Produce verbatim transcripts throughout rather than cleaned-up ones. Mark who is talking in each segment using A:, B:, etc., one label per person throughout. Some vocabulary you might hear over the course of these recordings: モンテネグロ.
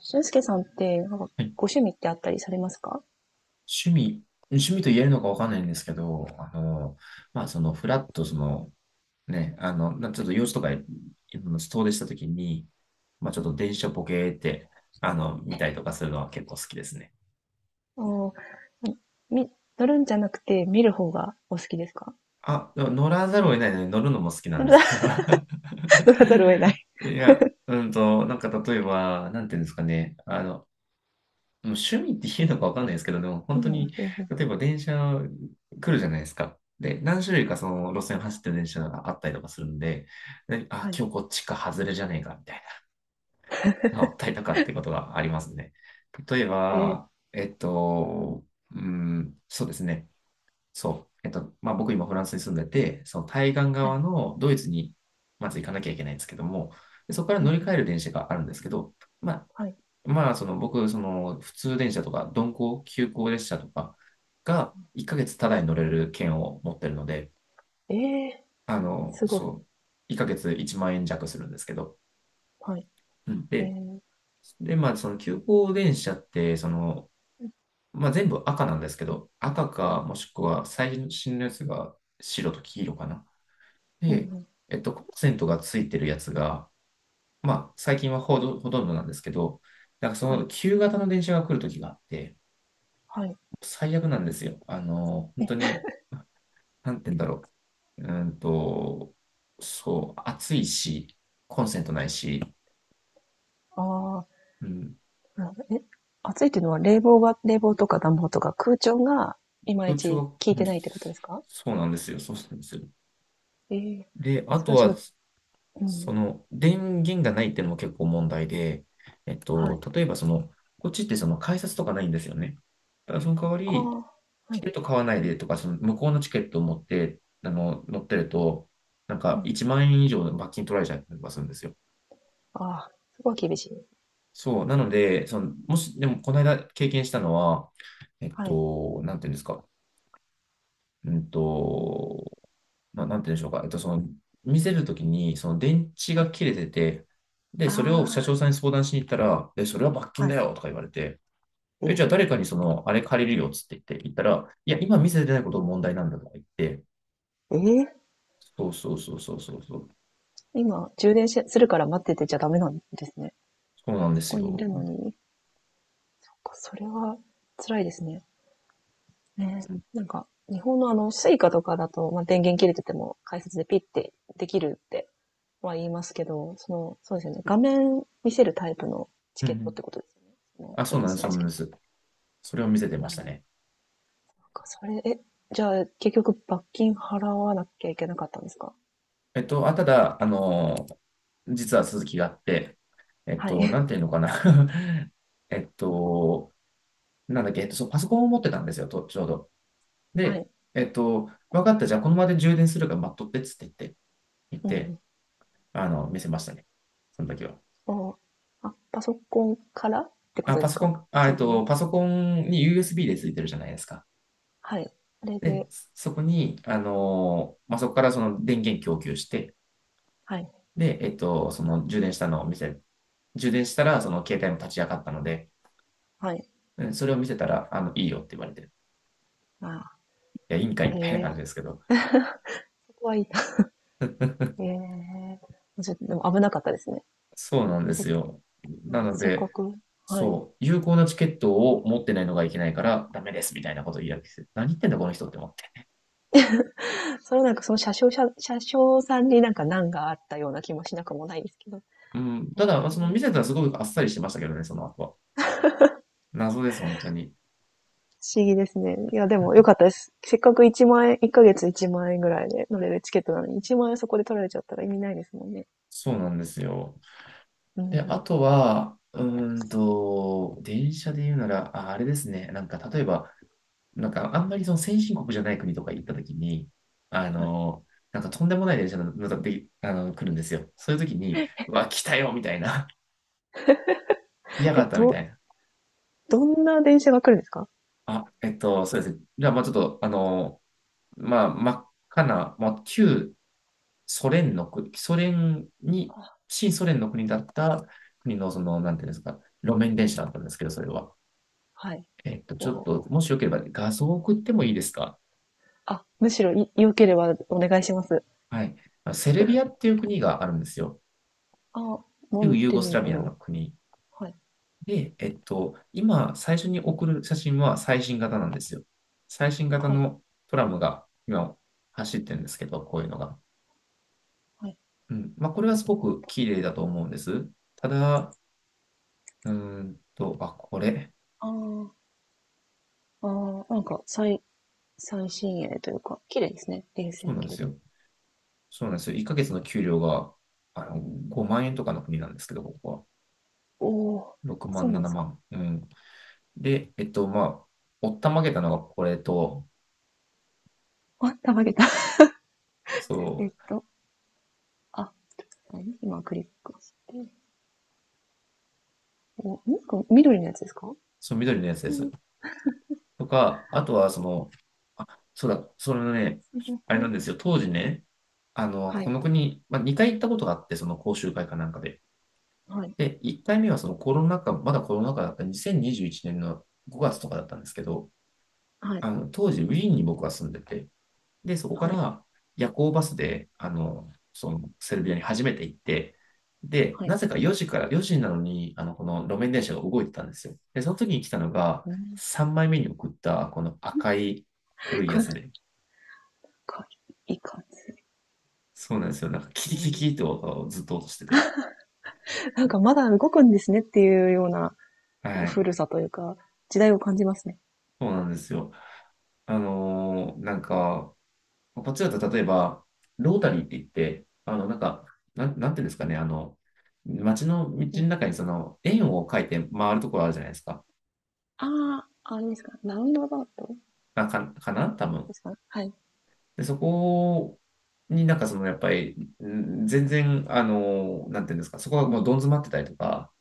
A: 俊介さんって、なんか
B: はい。
A: ご趣味ってあったりされますか？
B: 趣味、趣味と言えるのかわかんないんですけど、あの、まあ、その、フラッと、その、ね、あの、なちょっと用事とか、遠出したときに、まあ、ちょっと電車ボケーって、あの、見たりとかするのは結構好きですね。
A: お、み、乗るんじゃなくて見る方がお好きですか？
B: あ、でも乗らざるを得ないので乗るのも好きなん
A: 乗
B: です
A: ら
B: けど。
A: 乗らざるを得ない。
B: いや、うんと、なんか例えば、なんていうんですかね、あの、もう趣味って言うのかわかんないですけど、でも
A: う
B: 本
A: ん、
B: 当
A: う
B: に、
A: んうん。
B: 例えば電車来るじゃないですか。で、何種類かその路線走ってる電車があったりとかするんで、であ、
A: はい。
B: 今日こっちか外れじゃねえかみたいな、あったりとかってことがありますね。例え
A: えー。
B: ば、えっと、うん、そうですね。そう。えっと、まあ僕今フランスに住んでて、その対岸
A: は
B: 側
A: い。
B: のドイツにまず行かなきゃいけないんですけども、でそこから
A: うんう
B: 乗り換
A: ん、
B: える電車があるんですけど、まあ
A: はい。
B: まあ、その僕、その普通電車とか、鈍行、急行列車とかがいっかげつただに乗れる券を持ってるので、
A: ええ
B: あ
A: ー、
B: の、
A: すごい。
B: そう、いっかげついちまん円弱するんですけど、
A: はい。
B: うん
A: え
B: で、
A: ー、
B: で、まあ、その急行電車って、その、まあ、全部赤なんですけど、赤か、もしくは最新のやつが白と黄色かな。
A: うん
B: で、
A: うん、
B: えっと、コンセントがついてるやつが、まあ、最近はほとほとんどなんですけど、なんかそ
A: は
B: の
A: い。
B: 旧型の電車が来るときがあって、
A: はい。
B: 最悪なんですよ。あの、本当
A: え、
B: に、なんて言うんだろう。うーんと、そう、暑いし、コンセントないし、
A: ああ、
B: うん、
A: なるほど。え、暑いっていうのは冷房が、冷房とか暖房とか空調がいまい
B: 空調
A: ち
B: は、
A: 効い
B: うん
A: てないってことですか？
B: そうなんですよ。そうなんですよ。
A: ええー、
B: で、あ
A: それ
B: と
A: はちょっ
B: は、
A: と、う
B: そ
A: ん、
B: の、電源がないっていうのも結構問題で、えっ
A: は
B: と、
A: い。
B: 例えばその、こっちってその改札とかないんですよね。だからその代わ
A: あ
B: り、
A: あ、は
B: チ
A: い。
B: ケット買わないでとか、その向こうのチケットを持って、あの、乗ってると、なん
A: う
B: か
A: ん、
B: いちまん円以上の罰金取られちゃったりとかするんですよ。
A: ああ、そこは厳しい。
B: そう。なので、その、もし、でも、この間経験したのは、えっ
A: はい。
B: と、なんていうんですか。うんと、まあ、なんていうんでしょうか。えっと、その、見せるときに、その電池
A: は
B: が
A: い。
B: 切れてて、で、
A: あ
B: それを社長
A: あ、
B: さんに相談しに行ったら、え、それは罰金
A: は
B: だ
A: い。
B: よとか言われて、え、
A: え、
B: じゃあ誰かにその、あれ借りるよっつって言って、言ったら、いや、今見せてないことが問題なんだとか言って、
A: えー
B: そうそうそうそうそうそう、
A: 今、充電しするから待っててちゃダメなんですね。
B: そうなんで
A: そ
B: す
A: こにい
B: よ。
A: るのに。なんかそれは辛いですね。ね。
B: うん
A: なんか、日本のあの、スイカとかだと、まあ、電源切れてても解説でピッてできるっては言いますけど、その、そうですよね。画面見せるタイプのチ
B: う
A: ケットっ
B: ん。
A: てことですよね。その
B: あ、
A: フ
B: そ
A: ラ
B: うな
A: ン
B: んで
A: ス
B: す、そ
A: の
B: う
A: チ
B: なん
A: ケッ
B: です。それを見せて
A: ト。
B: ま
A: な
B: し
A: る
B: た
A: ほど。
B: ね。
A: なんかそれ、え、じゃあ、結局罰金払わなきゃいけなかったんですか？
B: えっと、あ、ただ、あの、実は続きがあっ
A: はい。
B: て、えっ
A: は
B: と、な
A: い。
B: んていうのかな。 えっと、なんだっけ、えっと、そう、パソコンを持ってたんですよ、と、ちょうど。
A: は
B: で、
A: い。
B: えっと、分かった、じゃあこの場で充電するから待っとってっつって言って、言っ
A: うんう
B: て、
A: ん。
B: あの、見せましたね。その時は。
A: お、あ、パソコンからってこ
B: あ、
A: とで
B: パ
A: す
B: ソコ
A: か？
B: ン、あ、えっ
A: 充電。
B: と、パソコンに ユーエスビー でついてるじゃないですか。
A: はい。あれ
B: で、
A: で、
B: そこに、あの、まあ、そこからその電源供給して、
A: はい。
B: で、えっと、そ
A: なる
B: の充電したのを見せ、充電したら、その携帯も立ち上がったので、
A: はい。
B: うんそれを見せたら、あの、いいよって言われて、い
A: あ
B: や、いいんかい
A: あ、へ
B: みたいな感
A: え、
B: じですけど。
A: そこはいいな。へ え。ちょっと、でも危なかったですね。
B: そうなんで
A: せ、
B: すよ。
A: う
B: な
A: ん、
B: の
A: せっか
B: で、
A: く。はい。
B: そう、有効なチケットを持ってないのがいけないから、ダメですみたいなことを言い訳して、何言ってんだ、この人って思って。
A: それはなんかその車掌車、車掌さんになんか難があったような気もしなくもないですけど。へ
B: うん、
A: え、
B: ただ、まあその見せたらす
A: 不
B: ごくあっさりしてましたけどね、その後は。謎です、本当に。
A: 思議ですね。いや、でも良かったです。せっかくいちまん円、いっかげついちまん円ぐらいで乗れるチケットなのに、いちまん円そこで取られちゃったら意味ないですもんね。
B: そうなんですよ。
A: うん
B: で、
A: う
B: あ
A: ん。
B: とは、うーんと、電車で言うなら、あ、あれですね。なんか、例えば、なんかあんまりその先進国じゃない国とか行った時に、あ
A: はい。
B: の、なんかとんでもない電車が乗ってあの来るんですよ。そういう時に、うわ、来たよみたいな。嫌
A: え
B: が
A: っ
B: ったみた
A: と、
B: いな。
A: どんな電車が来るんですか？
B: あ、えっと、そうですね。じゃあ、まあちょっと、あの、まあ真っ赤な、まあ旧ソ連の国、ソ連に、
A: あ、
B: 新ソ連の国だった国の、その、なんていうんですか、路面電車だったんですけど、それは。
A: はい。
B: えっと、ちょっと、
A: お、
B: もしよければ画像を送ってもいいですか？
A: あ、むしろい良ければお願いします。
B: はい。あのセルビアっていう国があるんですよ。
A: あ、モ
B: 旧
A: ン
B: ユー
A: テ
B: ゴス
A: ネ
B: ラ
A: グ
B: ビア
A: ロ。
B: の国。
A: はい。
B: で、えっと、今、最初に送る写真は最新型なんですよ。最新型
A: はい。
B: のトラムが今走ってるんですけど、こういうのが。
A: はい。
B: うん。まあ、これはすごく綺麗だと思うんです。ただ、うーんと、あ、これ。
A: あー、あー、なんか最、最新鋭というか、綺麗ですね。冷
B: そう
A: 戦
B: なんで
A: 系
B: す
A: で。
B: よ。そうなんですよ。いっかげつの給料が、あの、ごまん円とかの国なんですけど、ここは。
A: お、お、
B: 6
A: そ
B: 万、
A: うなん
B: 7
A: ですか。
B: 万。うん。で、えっと、まあ、おったまげたのがこれと、
A: あ、たまげた。
B: そ
A: えっ
B: う、
A: と、あ、何今クリックして。お、なんか緑のやつですか？
B: そう、緑のやつ
A: う
B: です。
A: ん。
B: とか、あとはその、あ、そうだ、それね、
A: それ
B: あ
A: そ
B: れな
A: れ
B: んですよ、当時ね、あの、
A: は
B: こ
A: い。
B: の国、まあ、にかい行ったことがあって、その講習会かなんかで。
A: はい。
B: で、いっかいめはそのコロナ禍、まだコロナ禍だったにせんにじゅういちねんのごがつとかだったんですけど、
A: は
B: あ
A: い。
B: の、当時ウィーンに僕は住んでて、で、そこか
A: はい。
B: ら夜行バスで、あの、そのセルビアに初めて行って、で、
A: は
B: な
A: い。
B: ぜかよじから、よじなのに、あの、この路面電車が動いてたんですよ。で、その時に来たのが、
A: うん。
B: さんまいめに送った、この赤い古 い
A: こ
B: や
A: れ、
B: つで。
A: こ、いかつ
B: そうなんですよ。なんか、キ
A: え
B: リキリキ
A: ー
B: リって音がずっと落としてて。
A: なんかまだ動くんですねっていうような
B: はい。
A: 古さというか、時代を感じますね。
B: そうなんですよ。あのーなんか、パツだと例えば、ロータリーって言って、あの、なんか、なん、なんていうんですかね、あの、街の道の中にその円を描いて回るところあるじゃないですか。
A: ああ、あれですか。ラウンドアバウト
B: あか、かな多分。
A: ですか？はい。
B: で、そこになんかそのやっぱり、ん全然、あの、なんていうんですか、そこがもうどん詰まってたりとか、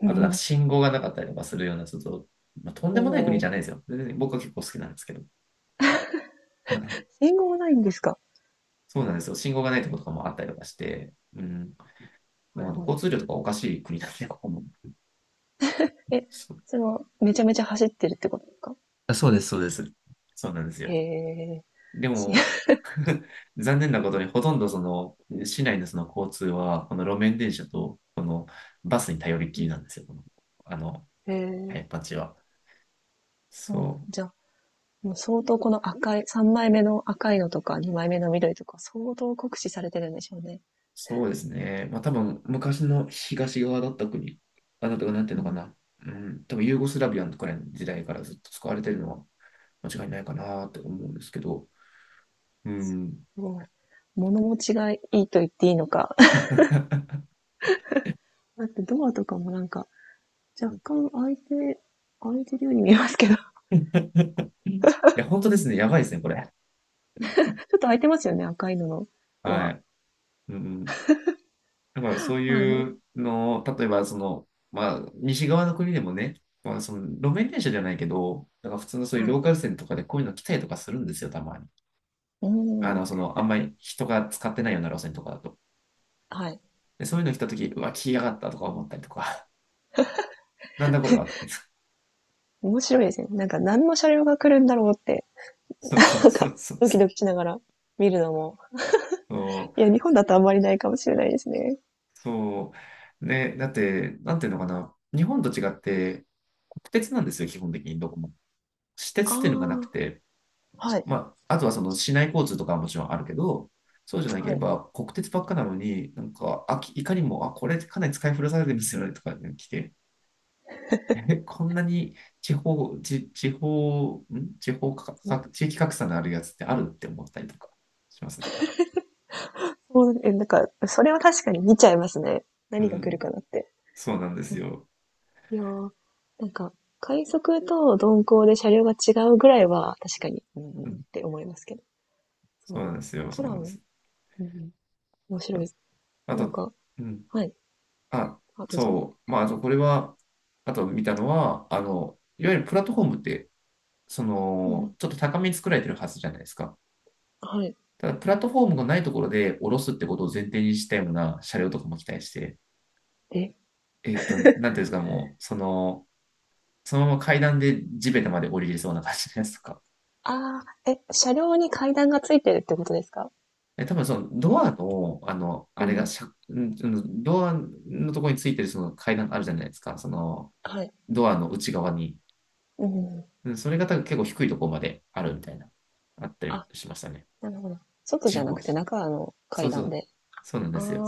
A: う
B: あとなんか
A: ん。
B: 信号がなかったりとかするような、ちょっと、まあ、とんで
A: お、
B: もない国
A: お。
B: じゃないですよ。全然僕は結構好きなんですけど。
A: 信号ないんですか？
B: そうなんですよ。信号がないところとかもあったりとかして、うん、
A: な
B: もう
A: る
B: あの
A: ほ
B: 交
A: ど。
B: 通量とかおかしい国なんで、ここも。
A: え、
B: そ
A: それはめちゃめちゃ走ってるってことですか？
B: あ、そうです、そうです。そうなんです
A: へ
B: よ。
A: え。
B: で
A: し
B: も、残念なことに、ほとんどその、市内のその交通は、この路面電車と、このバスに頼りっきりなんですよ、この、あの、
A: へ
B: 早
A: え。
B: っぱチは。
A: そうなん
B: そう、
A: じゃあ、もう相当この赤い、さんまいめの赤いのとかにまいめの緑とか相当酷使されてるんでしょうね。
B: そうですね。まあ多分、昔の東側だった国、あ、なたがなんていう
A: う
B: のか
A: ん。
B: な。うん、多分ユーゴスラビアのくらいの時代からずっと使われてるのは間違いないかなって思うんですけど、うん。
A: すごい物持ちがいいと言っていいのか、だってドアとかもなんか、若干開いて、開いてるように見えますけど、ち
B: いや、本当ですね。やばいですね、これ。
A: ょっと開いてますよね、赤いののド
B: は
A: ア。
B: い。うん。だからそう
A: まあ、
B: いうのを、例えばその、まあ、西側の国でもね、まあ、その路面電車じゃないけど、なんか普通のそういう
A: はい。
B: ローカル線とかでこういうの来たりとかするんですよ、たまに。
A: う
B: あ
A: ん。
B: の、その、あんまり人が使ってないような路線とかだと。
A: はい。
B: で、そういうの来たとき、うわ、来やがったとか思ったりとか、なんだこれはとか言って。
A: 面白いですね。なんか何の車両が来るんだろうって、
B: そうそ う
A: なん
B: そ
A: か
B: うそう
A: ドキ
B: そ
A: ド
B: う。
A: キしながら見るのも。
B: そ
A: いや、
B: う。
A: 日本だとあんまりないかもしれないですね。
B: そうね、だって、なんていうのかな、日本と違って、国鉄なんですよ、基本的にどこも。私鉄っていうのがなく
A: あ
B: て、
A: あ、はい、
B: まあ、あとはその市内交通とかはもちろんあるけど、そうじゃなけ
A: は
B: れ
A: い。
B: ば国鉄ばっかなのに、なんか、あ、きいかにも、あ、これかなり使い古されてますよねとかね来て、え、こんなに地方、地、地方、ん地方かか、地域格差のあるやつってあるって思ったりとかしますね。
A: そう、え、なんか、それは確かに見ちゃいますね。
B: う
A: 何が来る
B: ん、
A: かなって。
B: そうなんですよ。
A: いやー、なんか、快速と鈍行で車両が違うぐらいは、確かに、うんっ
B: うん、
A: て思いますけど。そ
B: そ
A: う
B: うなん
A: か。
B: ですよ。
A: ト
B: そう
A: ラ
B: なんで
A: ム、
B: す。
A: うん、面白いです。
B: あ
A: なん
B: と、
A: か、
B: うん、
A: はい。
B: あ、
A: あ、どうぞ。
B: そう、まあ、あとこれは、あと見たのは、あの、いわゆるプラットフォームってそ
A: う
B: の、
A: ん、
B: ちょっと高めに作られてるはずじゃないですか。
A: はい。
B: ただ、プラットフォームがないところで降ろすってことを前提にしたような車両とかも期待して、
A: え、
B: えっと、なんていうんですか、もう、その、そのまま階段で地べたまで降りれそうな感じのやつとか。
A: ああ、え、車両に階段がついてるってことですか？
B: え、多分そのドアの、あの、
A: う
B: あれが
A: ん。
B: しゃ、んドアのところについてるその階段あるじゃないですか。その、
A: はい。
B: ドアの内側に。
A: うん。
B: それが多分結構低いところまであるみたいな、あったり
A: あ、
B: しましたね。
A: なるほど。外じ
B: 地
A: ゃ
B: 方
A: な
B: は
A: くて
B: した。
A: 中の
B: そ
A: 階
B: うそ
A: 段
B: う、
A: で。
B: そうなん
A: あ
B: で
A: あ、
B: すよ。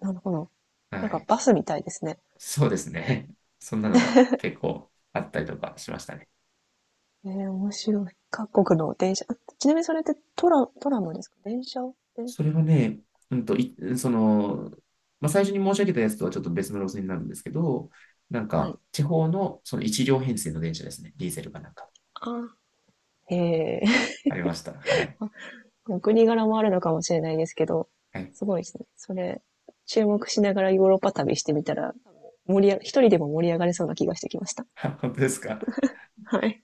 A: なるほど。
B: は
A: なんか
B: い。
A: バスみたいですね。
B: そうですね。そんなのが結構あったりとかしましたね。
A: えー、面白い。各国の電車。あ、ちなみにそれってトラ、トラムですか？電車で。
B: それはね、うんと、い、その、まあ、最初に申し上げたやつとはちょっと別の路線になるんですけど、なん
A: は
B: か、
A: い。
B: 地方のその一両編成の電車ですね。ディーゼルかなんか。
A: あ、へえ。
B: ありました。はい。
A: お国柄もあるのかもしれないですけど、
B: はい。
A: すごいですね。それ、注目しながらヨーロッパ旅してみたら、盛りあ一人でも盛り上がれそうな気がしてきました。
B: 本当ですか？
A: はい。